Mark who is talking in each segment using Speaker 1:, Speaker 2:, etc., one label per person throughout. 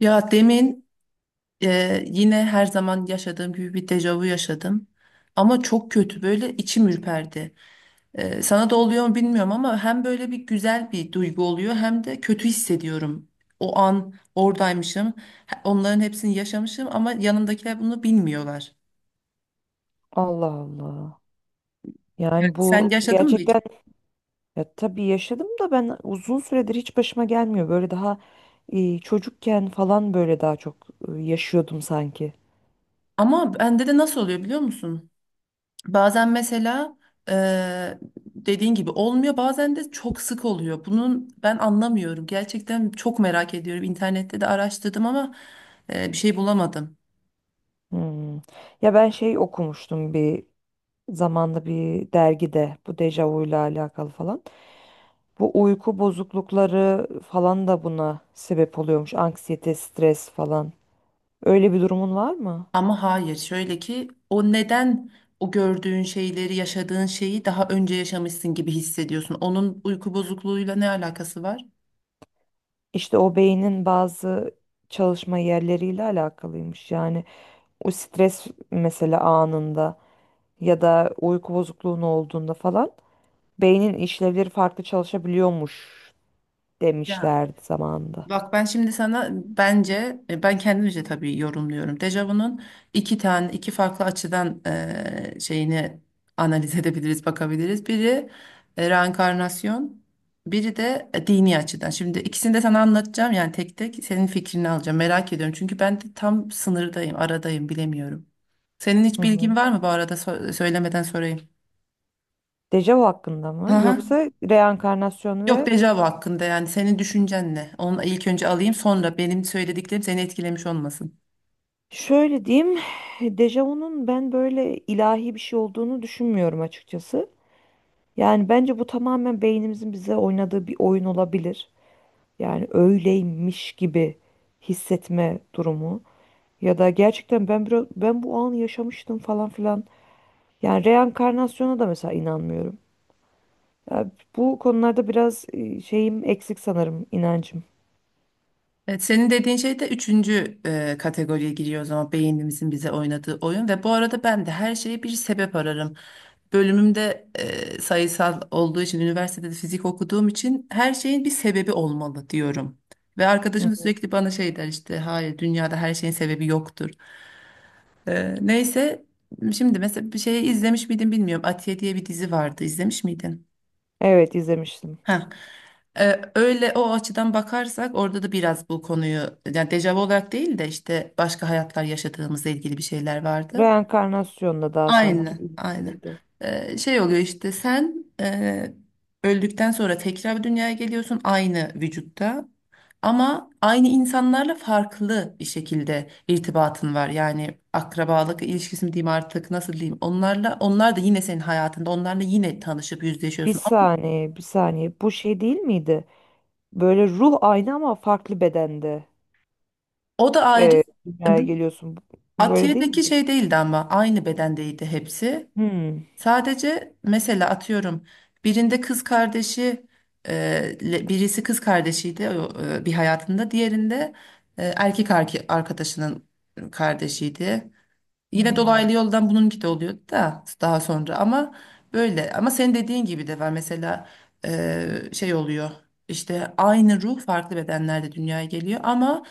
Speaker 1: Ya demin yine her zaman yaşadığım gibi bir dejavu yaşadım. Ama çok kötü böyle içim ürperdi. Sana da oluyor mu bilmiyorum, ama hem böyle bir güzel bir duygu oluyor hem de kötü hissediyorum. O an oradaymışım. Onların hepsini yaşamışım, ama yanımdakiler bunu bilmiyorlar.
Speaker 2: Allah Allah. Yani
Speaker 1: Sen
Speaker 2: bu
Speaker 1: yaşadın mı hiç?
Speaker 2: gerçekten ya tabii yaşadım da ben uzun süredir hiç başıma gelmiyor. Böyle daha çocukken falan böyle daha çok yaşıyordum sanki.
Speaker 1: Ama bende de nasıl oluyor biliyor musun? Bazen mesela eee, dediğin gibi olmuyor, bazen de çok sık oluyor. Bunun ben anlamıyorum. Gerçekten çok merak ediyorum. İnternette de araştırdım, ama bir şey bulamadım.
Speaker 2: Hmm. Ya ben şey okumuştum bir zamanda bir dergide bu dejavuyla alakalı falan. Bu uyku bozuklukları falan da buna sebep oluyormuş. Anksiyete, stres falan. Öyle bir durumun var mı?
Speaker 1: Ama hayır, şöyle ki o neden o gördüğün şeyleri, yaşadığın şeyi daha önce yaşamışsın gibi hissediyorsun. Onun uyku bozukluğuyla ne alakası var?
Speaker 2: İşte o beynin bazı çalışma yerleriyle alakalıymış. Yani o stres mesela anında ya da uyku bozukluğun olduğunda falan beynin işlevleri farklı çalışabiliyormuş
Speaker 1: Ya,
Speaker 2: demişlerdi zamanında.
Speaker 1: bak ben şimdi sana, bence ben kendimce tabii yorumluyorum. Dejavu'nun iki farklı açıdan şeyini analiz edebiliriz, bakabiliriz. Biri reenkarnasyon, biri de dini açıdan. Şimdi ikisini de sana anlatacağım, yani tek tek senin fikrini alacağım. Merak ediyorum, çünkü ben de tam sınırdayım, aradayım, bilemiyorum. Senin hiç
Speaker 2: Hı hı.
Speaker 1: bilgin var mı bu arada? Söylemeden sorayım.
Speaker 2: Dejavu hakkında mı
Speaker 1: Aha.
Speaker 2: yoksa reenkarnasyon
Speaker 1: Yok,
Speaker 2: ve
Speaker 1: dejavu hakkında, yani senin düşüncen ne? Onu ilk önce alayım, sonra benim söylediklerim seni etkilemiş olmasın.
Speaker 2: şöyle diyeyim dejavunun ben böyle ilahi bir şey olduğunu düşünmüyorum açıkçası. Yani bence bu tamamen beynimizin bize oynadığı bir oyun olabilir. Yani öyleymiş gibi hissetme durumu ya da gerçekten ben biraz ben bu anı yaşamıştım falan filan. Yani reenkarnasyona da mesela inanmıyorum. Ya bu konularda biraz şeyim eksik sanırım inancım.
Speaker 1: Evet, senin dediğin şey de üçüncü kategoriye giriyor o zaman, beynimizin bize oynadığı oyun. Ve bu arada ben de her şeye bir sebep ararım. Bölümümde, sayısal olduğu için, üniversitede de fizik okuduğum için her şeyin bir sebebi olmalı diyorum. Ve
Speaker 2: Hı
Speaker 1: arkadaşım da
Speaker 2: hı.
Speaker 1: sürekli bana şey der işte, hayır, dünyada her şeyin sebebi yoktur. Neyse, şimdi mesela bir şeyi izlemiş miydin bilmiyorum. Atiye diye bir dizi vardı, izlemiş miydin?
Speaker 2: Evet, izlemiştim.
Speaker 1: Ha. Öyle, o açıdan bakarsak orada da biraz bu konuyu, yani dejavu olarak değil de işte başka hayatlar yaşadığımızla ilgili bir şeyler vardı.
Speaker 2: Reenkarnasyonla daha sanki
Speaker 1: Aynen, aynen.
Speaker 2: ilgiliydi.
Speaker 1: Şey oluyor işte, sen öldükten sonra tekrar dünyaya geliyorsun aynı vücutta, ama aynı insanlarla farklı bir şekilde irtibatın var. Yani akrabalık ilişkisi mi diyeyim artık, nasıl diyeyim onlarla, onlar da yine senin hayatında onlarla yine tanışıp
Speaker 2: Bir
Speaker 1: yüzleşiyorsun. Ama
Speaker 2: saniye, bir saniye. Bu şey değil miydi? Böyle ruh aynı ama farklı bedende
Speaker 1: o da ayrı.
Speaker 2: dünyaya geliyorsun. Böyle değil mi?
Speaker 1: Atiye'deki şey değildi, ama aynı bedendeydi hepsi.
Speaker 2: Hmm.
Speaker 1: Sadece mesela atıyorum, birinde kız kardeşi, e, birisi kız kardeşiydi o, bir hayatında, diğerinde erkek arkadaşının kardeşiydi. Yine
Speaker 2: Hmm.
Speaker 1: dolaylı yoldan bununki de oluyordu da, daha sonra ama, böyle, ama senin dediğin gibi de var mesela. Şey oluyor işte, aynı ruh farklı bedenlerde dünyaya geliyor, ama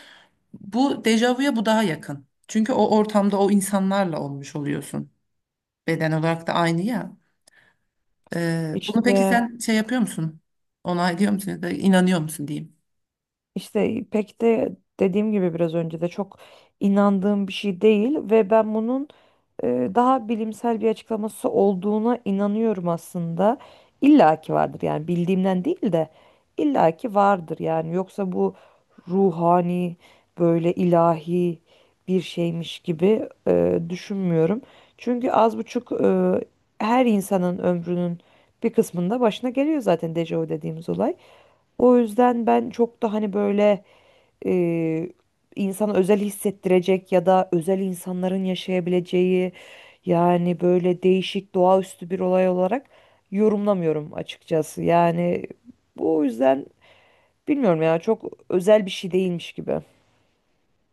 Speaker 1: bu dejavuya bu daha yakın. Çünkü o ortamda o insanlarla olmuş oluyorsun. Beden olarak da aynı ya. Bunu peki
Speaker 2: İşte
Speaker 1: sen şey yapıyor musun? Onaylıyor musun, ya da inanıyor musun diyeyim.
Speaker 2: İşte pek de dediğim gibi biraz önce de çok inandığım bir şey değil ve ben bunun daha bilimsel bir açıklaması olduğuna inanıyorum aslında. İlla ki vardır yani bildiğimden değil de illa ki vardır yani yoksa bu ruhani böyle ilahi bir şeymiş gibi düşünmüyorum. Çünkü az buçuk her insanın ömrünün bir kısmında başına geliyor zaten dejavu dediğimiz olay. O yüzden ben çok da hani böyle e, insana özel hissettirecek ya da özel insanların yaşayabileceği yani böyle değişik doğaüstü bir olay olarak yorumlamıyorum açıkçası. Yani bu o yüzden bilmiyorum ya çok özel bir şey değilmiş gibi.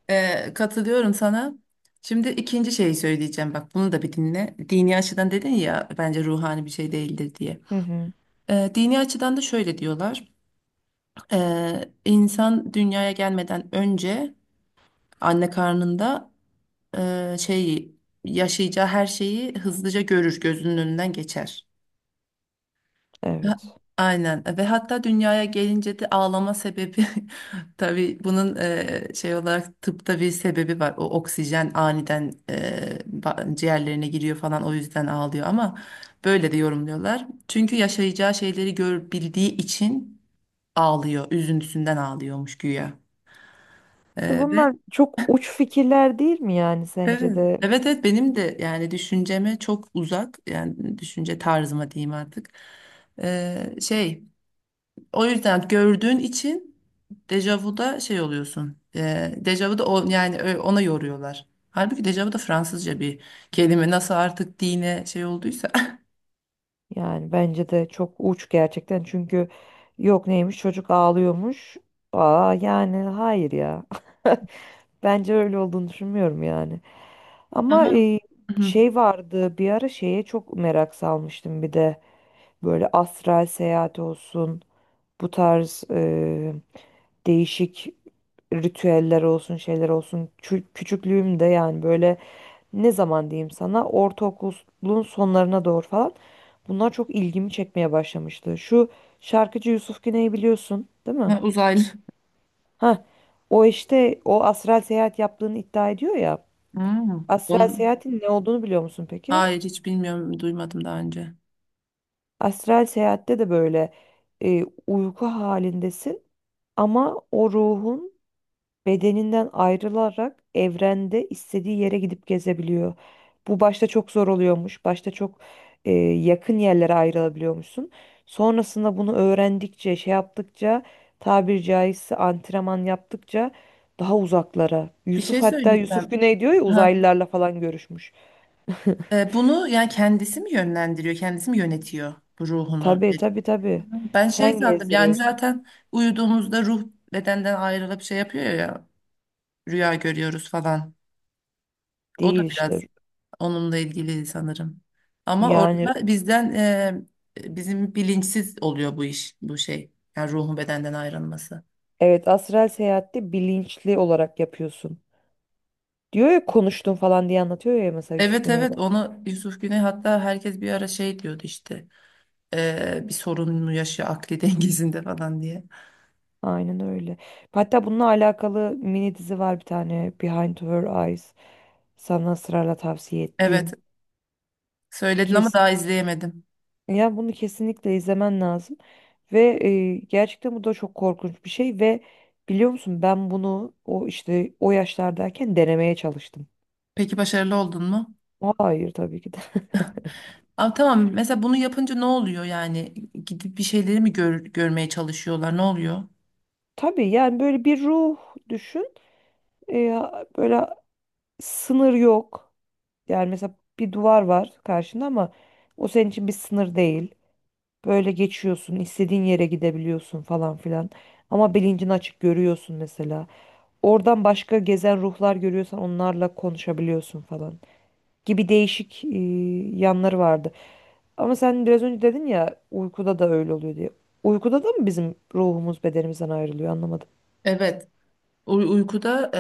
Speaker 1: Katılıyorum sana. Şimdi ikinci şeyi söyleyeceğim. Bak, bunu da bir dinle. Dini açıdan dedin ya, bence ruhani bir şey değildir diye.
Speaker 2: Hı hı,
Speaker 1: Dini açıdan da şöyle diyorlar. İnsan dünyaya gelmeden önce anne karnında e, şeyi yaşayacağı her şeyi hızlıca görür, gözünün önünden geçer. Ha-
Speaker 2: evet.
Speaker 1: Aynen, ve hatta dünyaya gelince de ağlama sebebi tabii bunun e, şey olarak tıpta bir sebebi var. O oksijen aniden ciğerlerine giriyor falan, o yüzden ağlıyor, ama böyle de yorumluyorlar. Çünkü yaşayacağı şeyleri görebildiği için ağlıyor, üzüntüsünden ağlıyormuş güya.
Speaker 2: İşte
Speaker 1: E, ve
Speaker 2: bunlar çok uç fikirler değil mi yani sence
Speaker 1: evet,
Speaker 2: de?
Speaker 1: evet evet, benim de yani düşünceme çok uzak, yani düşünce tarzıma diyeyim artık. E, şey. O yüzden gördüğün için dejavuda şey oluyorsun. Dejavuda yani ona yoruyorlar. Halbuki dejavu da Fransızca bir kelime. Nasıl artık dine şey olduysa.
Speaker 2: Yani bence de çok uç gerçekten çünkü yok neymiş çocuk ağlıyormuş. Aa yani hayır ya. Bence öyle olduğunu düşünmüyorum yani. Ama
Speaker 1: Ama. Hı.
Speaker 2: şey vardı bir ara şeye çok merak salmıştım bir de böyle astral seyahat olsun bu tarz değişik ritüeller olsun şeyler olsun küçüklüğümde yani böyle ne zaman diyeyim sana ortaokulun sonlarına doğru falan bunlar çok ilgimi çekmeye başlamıştı. Şu şarkıcı Yusuf Güney'i biliyorsun değil mi?
Speaker 1: Ha, uzaylı.
Speaker 2: Ha, o işte o astral seyahat yaptığını iddia ediyor ya.
Speaker 1: Hmm.
Speaker 2: Astral seyahatin ne olduğunu biliyor musun peki?
Speaker 1: Hayır, hiç bilmiyorum, duymadım daha önce.
Speaker 2: Astral seyahatte de böyle uyku halindesin ama o ruhun bedeninden ayrılarak evrende istediği yere gidip gezebiliyor. Bu başta çok zor oluyormuş. Başta çok yakın yerlere ayrılabiliyormuşsun. Sonrasında bunu öğrendikçe, şey yaptıkça, tabiri caizse antrenman yaptıkça daha uzaklara.
Speaker 1: Bir
Speaker 2: Yusuf
Speaker 1: şey
Speaker 2: hatta Yusuf
Speaker 1: söyleyeceğim.
Speaker 2: Güney diyor ya
Speaker 1: Ha.
Speaker 2: uzaylılarla falan görüşmüş.
Speaker 1: Bunu yani kendisi mi yönlendiriyor, kendisi mi yönetiyor bu ruhunu?
Speaker 2: Tabii, tabii, tabii.
Speaker 1: Ben şey
Speaker 2: Sen
Speaker 1: sandım yani,
Speaker 2: gezdiriyorsun.
Speaker 1: zaten uyuduğumuzda ruh bedenden ayrılıp şey yapıyor ya, rüya görüyoruz falan. O da
Speaker 2: Değil işte.
Speaker 1: biraz onunla ilgili sanırım. Ama
Speaker 2: Yani
Speaker 1: orada bizim bilinçsiz oluyor bu iş, bu şey. Yani ruhun bedenden ayrılması.
Speaker 2: evet, astral seyahatte bilinçli olarak yapıyorsun. Diyor ya konuştum falan diye anlatıyor ya mesela Yusuf
Speaker 1: Evet evet,
Speaker 2: Güney'de.
Speaker 1: onu Yusuf Güney, hatta herkes bir ara şey diyordu işte. Bir sorun mu yaşıyor akli dengesinde falan diye.
Speaker 2: Aynen öyle. Hatta bununla alakalı mini dizi var bir tane, Behind Her Eyes. Sana ısrarla tavsiye
Speaker 1: Evet,
Speaker 2: ettiğim.
Speaker 1: söyledin ama
Speaker 2: Kes
Speaker 1: daha izleyemedim.
Speaker 2: yani bunu kesinlikle izlemen lazım. Ve gerçekten bu da çok korkunç bir şey ve biliyor musun ben bunu o işte o yaşlardayken denemeye çalıştım.
Speaker 1: Peki başarılı oldun mu?
Speaker 2: Hayır, tabii ki de.
Speaker 1: Abi tamam, mesela bunu yapınca ne oluyor yani? Gidip bir şeyleri mi görmeye çalışıyorlar, ne oluyor?
Speaker 2: Tabii yani böyle bir ruh düşün. E, Böyle sınır yok. Yani mesela bir duvar var karşında ama o senin için bir sınır değil. Böyle geçiyorsun, istediğin yere gidebiliyorsun falan filan. Ama bilincin açık, görüyorsun mesela. Oradan başka gezen ruhlar görüyorsan onlarla konuşabiliyorsun falan. Gibi değişik yanları vardı. Ama sen biraz önce dedin ya uykuda da öyle oluyor diye. Uykuda da mı bizim ruhumuz bedenimizden ayrılıyor, anlamadım.
Speaker 1: Evet, uykuda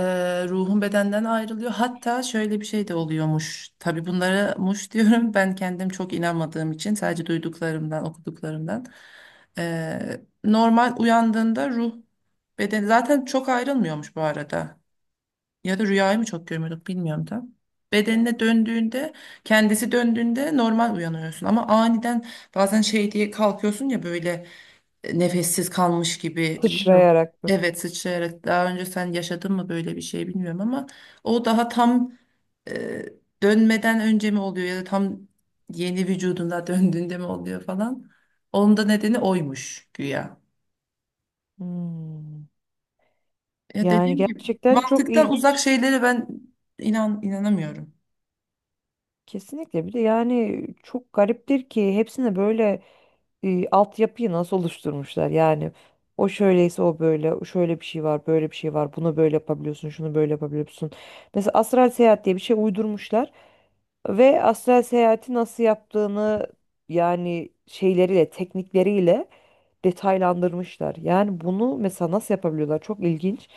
Speaker 1: ruhun bedenden ayrılıyor. Hatta şöyle bir şey de oluyormuş. Tabii bunlara muş diyorum. Ben kendim çok inanmadığım için, sadece duyduklarımdan, okuduklarımdan. Normal uyandığında ruh beden zaten çok ayrılmıyormuş bu arada. Ya da rüyayı mı çok görmüyorduk bilmiyorum da. Bedenine döndüğünde, kendisi döndüğünde normal uyanıyorsun. Ama aniden bazen şey diye kalkıyorsun ya, böyle nefessiz kalmış gibi. Bilmiyorum.
Speaker 2: Sıçrayarak böyle.
Speaker 1: Evet, sıçrayarak. Daha önce sen yaşadın mı böyle bir şey bilmiyorum, ama o daha tam e, dönmeden önce mi oluyor, ya da tam yeni vücuduna döndüğünde mi oluyor falan. Onun da nedeni oymuş güya.
Speaker 2: Hmm.
Speaker 1: Ya,
Speaker 2: Yani
Speaker 1: dediğim gibi
Speaker 2: gerçekten çok
Speaker 1: mantıktan uzak
Speaker 2: ilginç.
Speaker 1: şeylere ben inanamıyorum.
Speaker 2: Kesinlikle, bir de yani çok gariptir ki hepsine böyle altyapıyı nasıl oluşturmuşlar, yani o şöyleyse o böyle, o şöyle bir şey var, böyle bir şey var, bunu böyle yapabiliyorsun, şunu böyle yapabiliyorsun, mesela astral seyahat diye bir şey uydurmuşlar ve astral seyahati nasıl yaptığını yani şeyleriyle, teknikleriyle detaylandırmışlar. Yani bunu mesela nasıl yapabiliyorlar? Çok ilginç.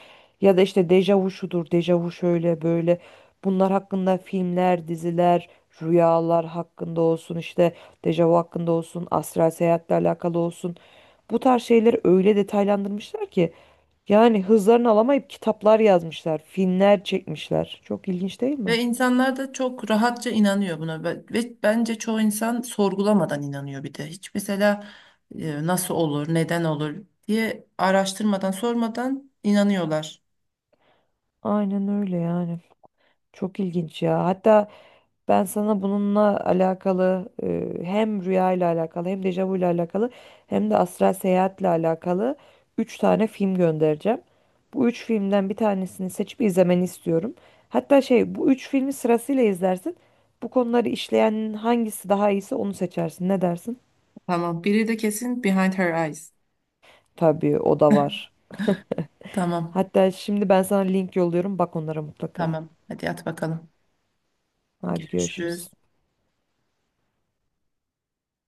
Speaker 2: Ya da işte dejavu şudur, dejavu şöyle böyle. Bunlar hakkında filmler, diziler, rüyalar hakkında olsun, işte dejavu hakkında olsun, astral seyahatle alakalı olsun. Bu tarz şeyleri öyle detaylandırmışlar ki yani hızlarını alamayıp kitaplar yazmışlar, filmler çekmişler. Çok ilginç değil mi?
Speaker 1: Ve insanlar da çok rahatça inanıyor buna, ve bence çoğu insan sorgulamadan inanıyor bir de. Hiç mesela nasıl olur, neden olur diye araştırmadan, sormadan inanıyorlar.
Speaker 2: Aynen öyle yani. Çok ilginç ya. Hatta ben sana bununla alakalı hem rüya ile alakalı hem dejavu ile alakalı hem de astral seyahatle alakalı 3 tane film göndereceğim. Bu 3 filmden bir tanesini seçip izlemeni istiyorum. Hatta şey, bu 3 filmi sırasıyla izlersin. Bu konuları işleyen hangisi daha iyiyse onu seçersin. Ne dersin?
Speaker 1: Tamam. Biri de kesin Behind Her Eyes.
Speaker 2: Tabii, o da var.
Speaker 1: Tamam.
Speaker 2: Hatta şimdi ben sana link yolluyorum. Bak onlara mutlaka.
Speaker 1: Tamam. Hadi at bakalım.
Speaker 2: Hadi, görüşürüz.
Speaker 1: Görüşürüz.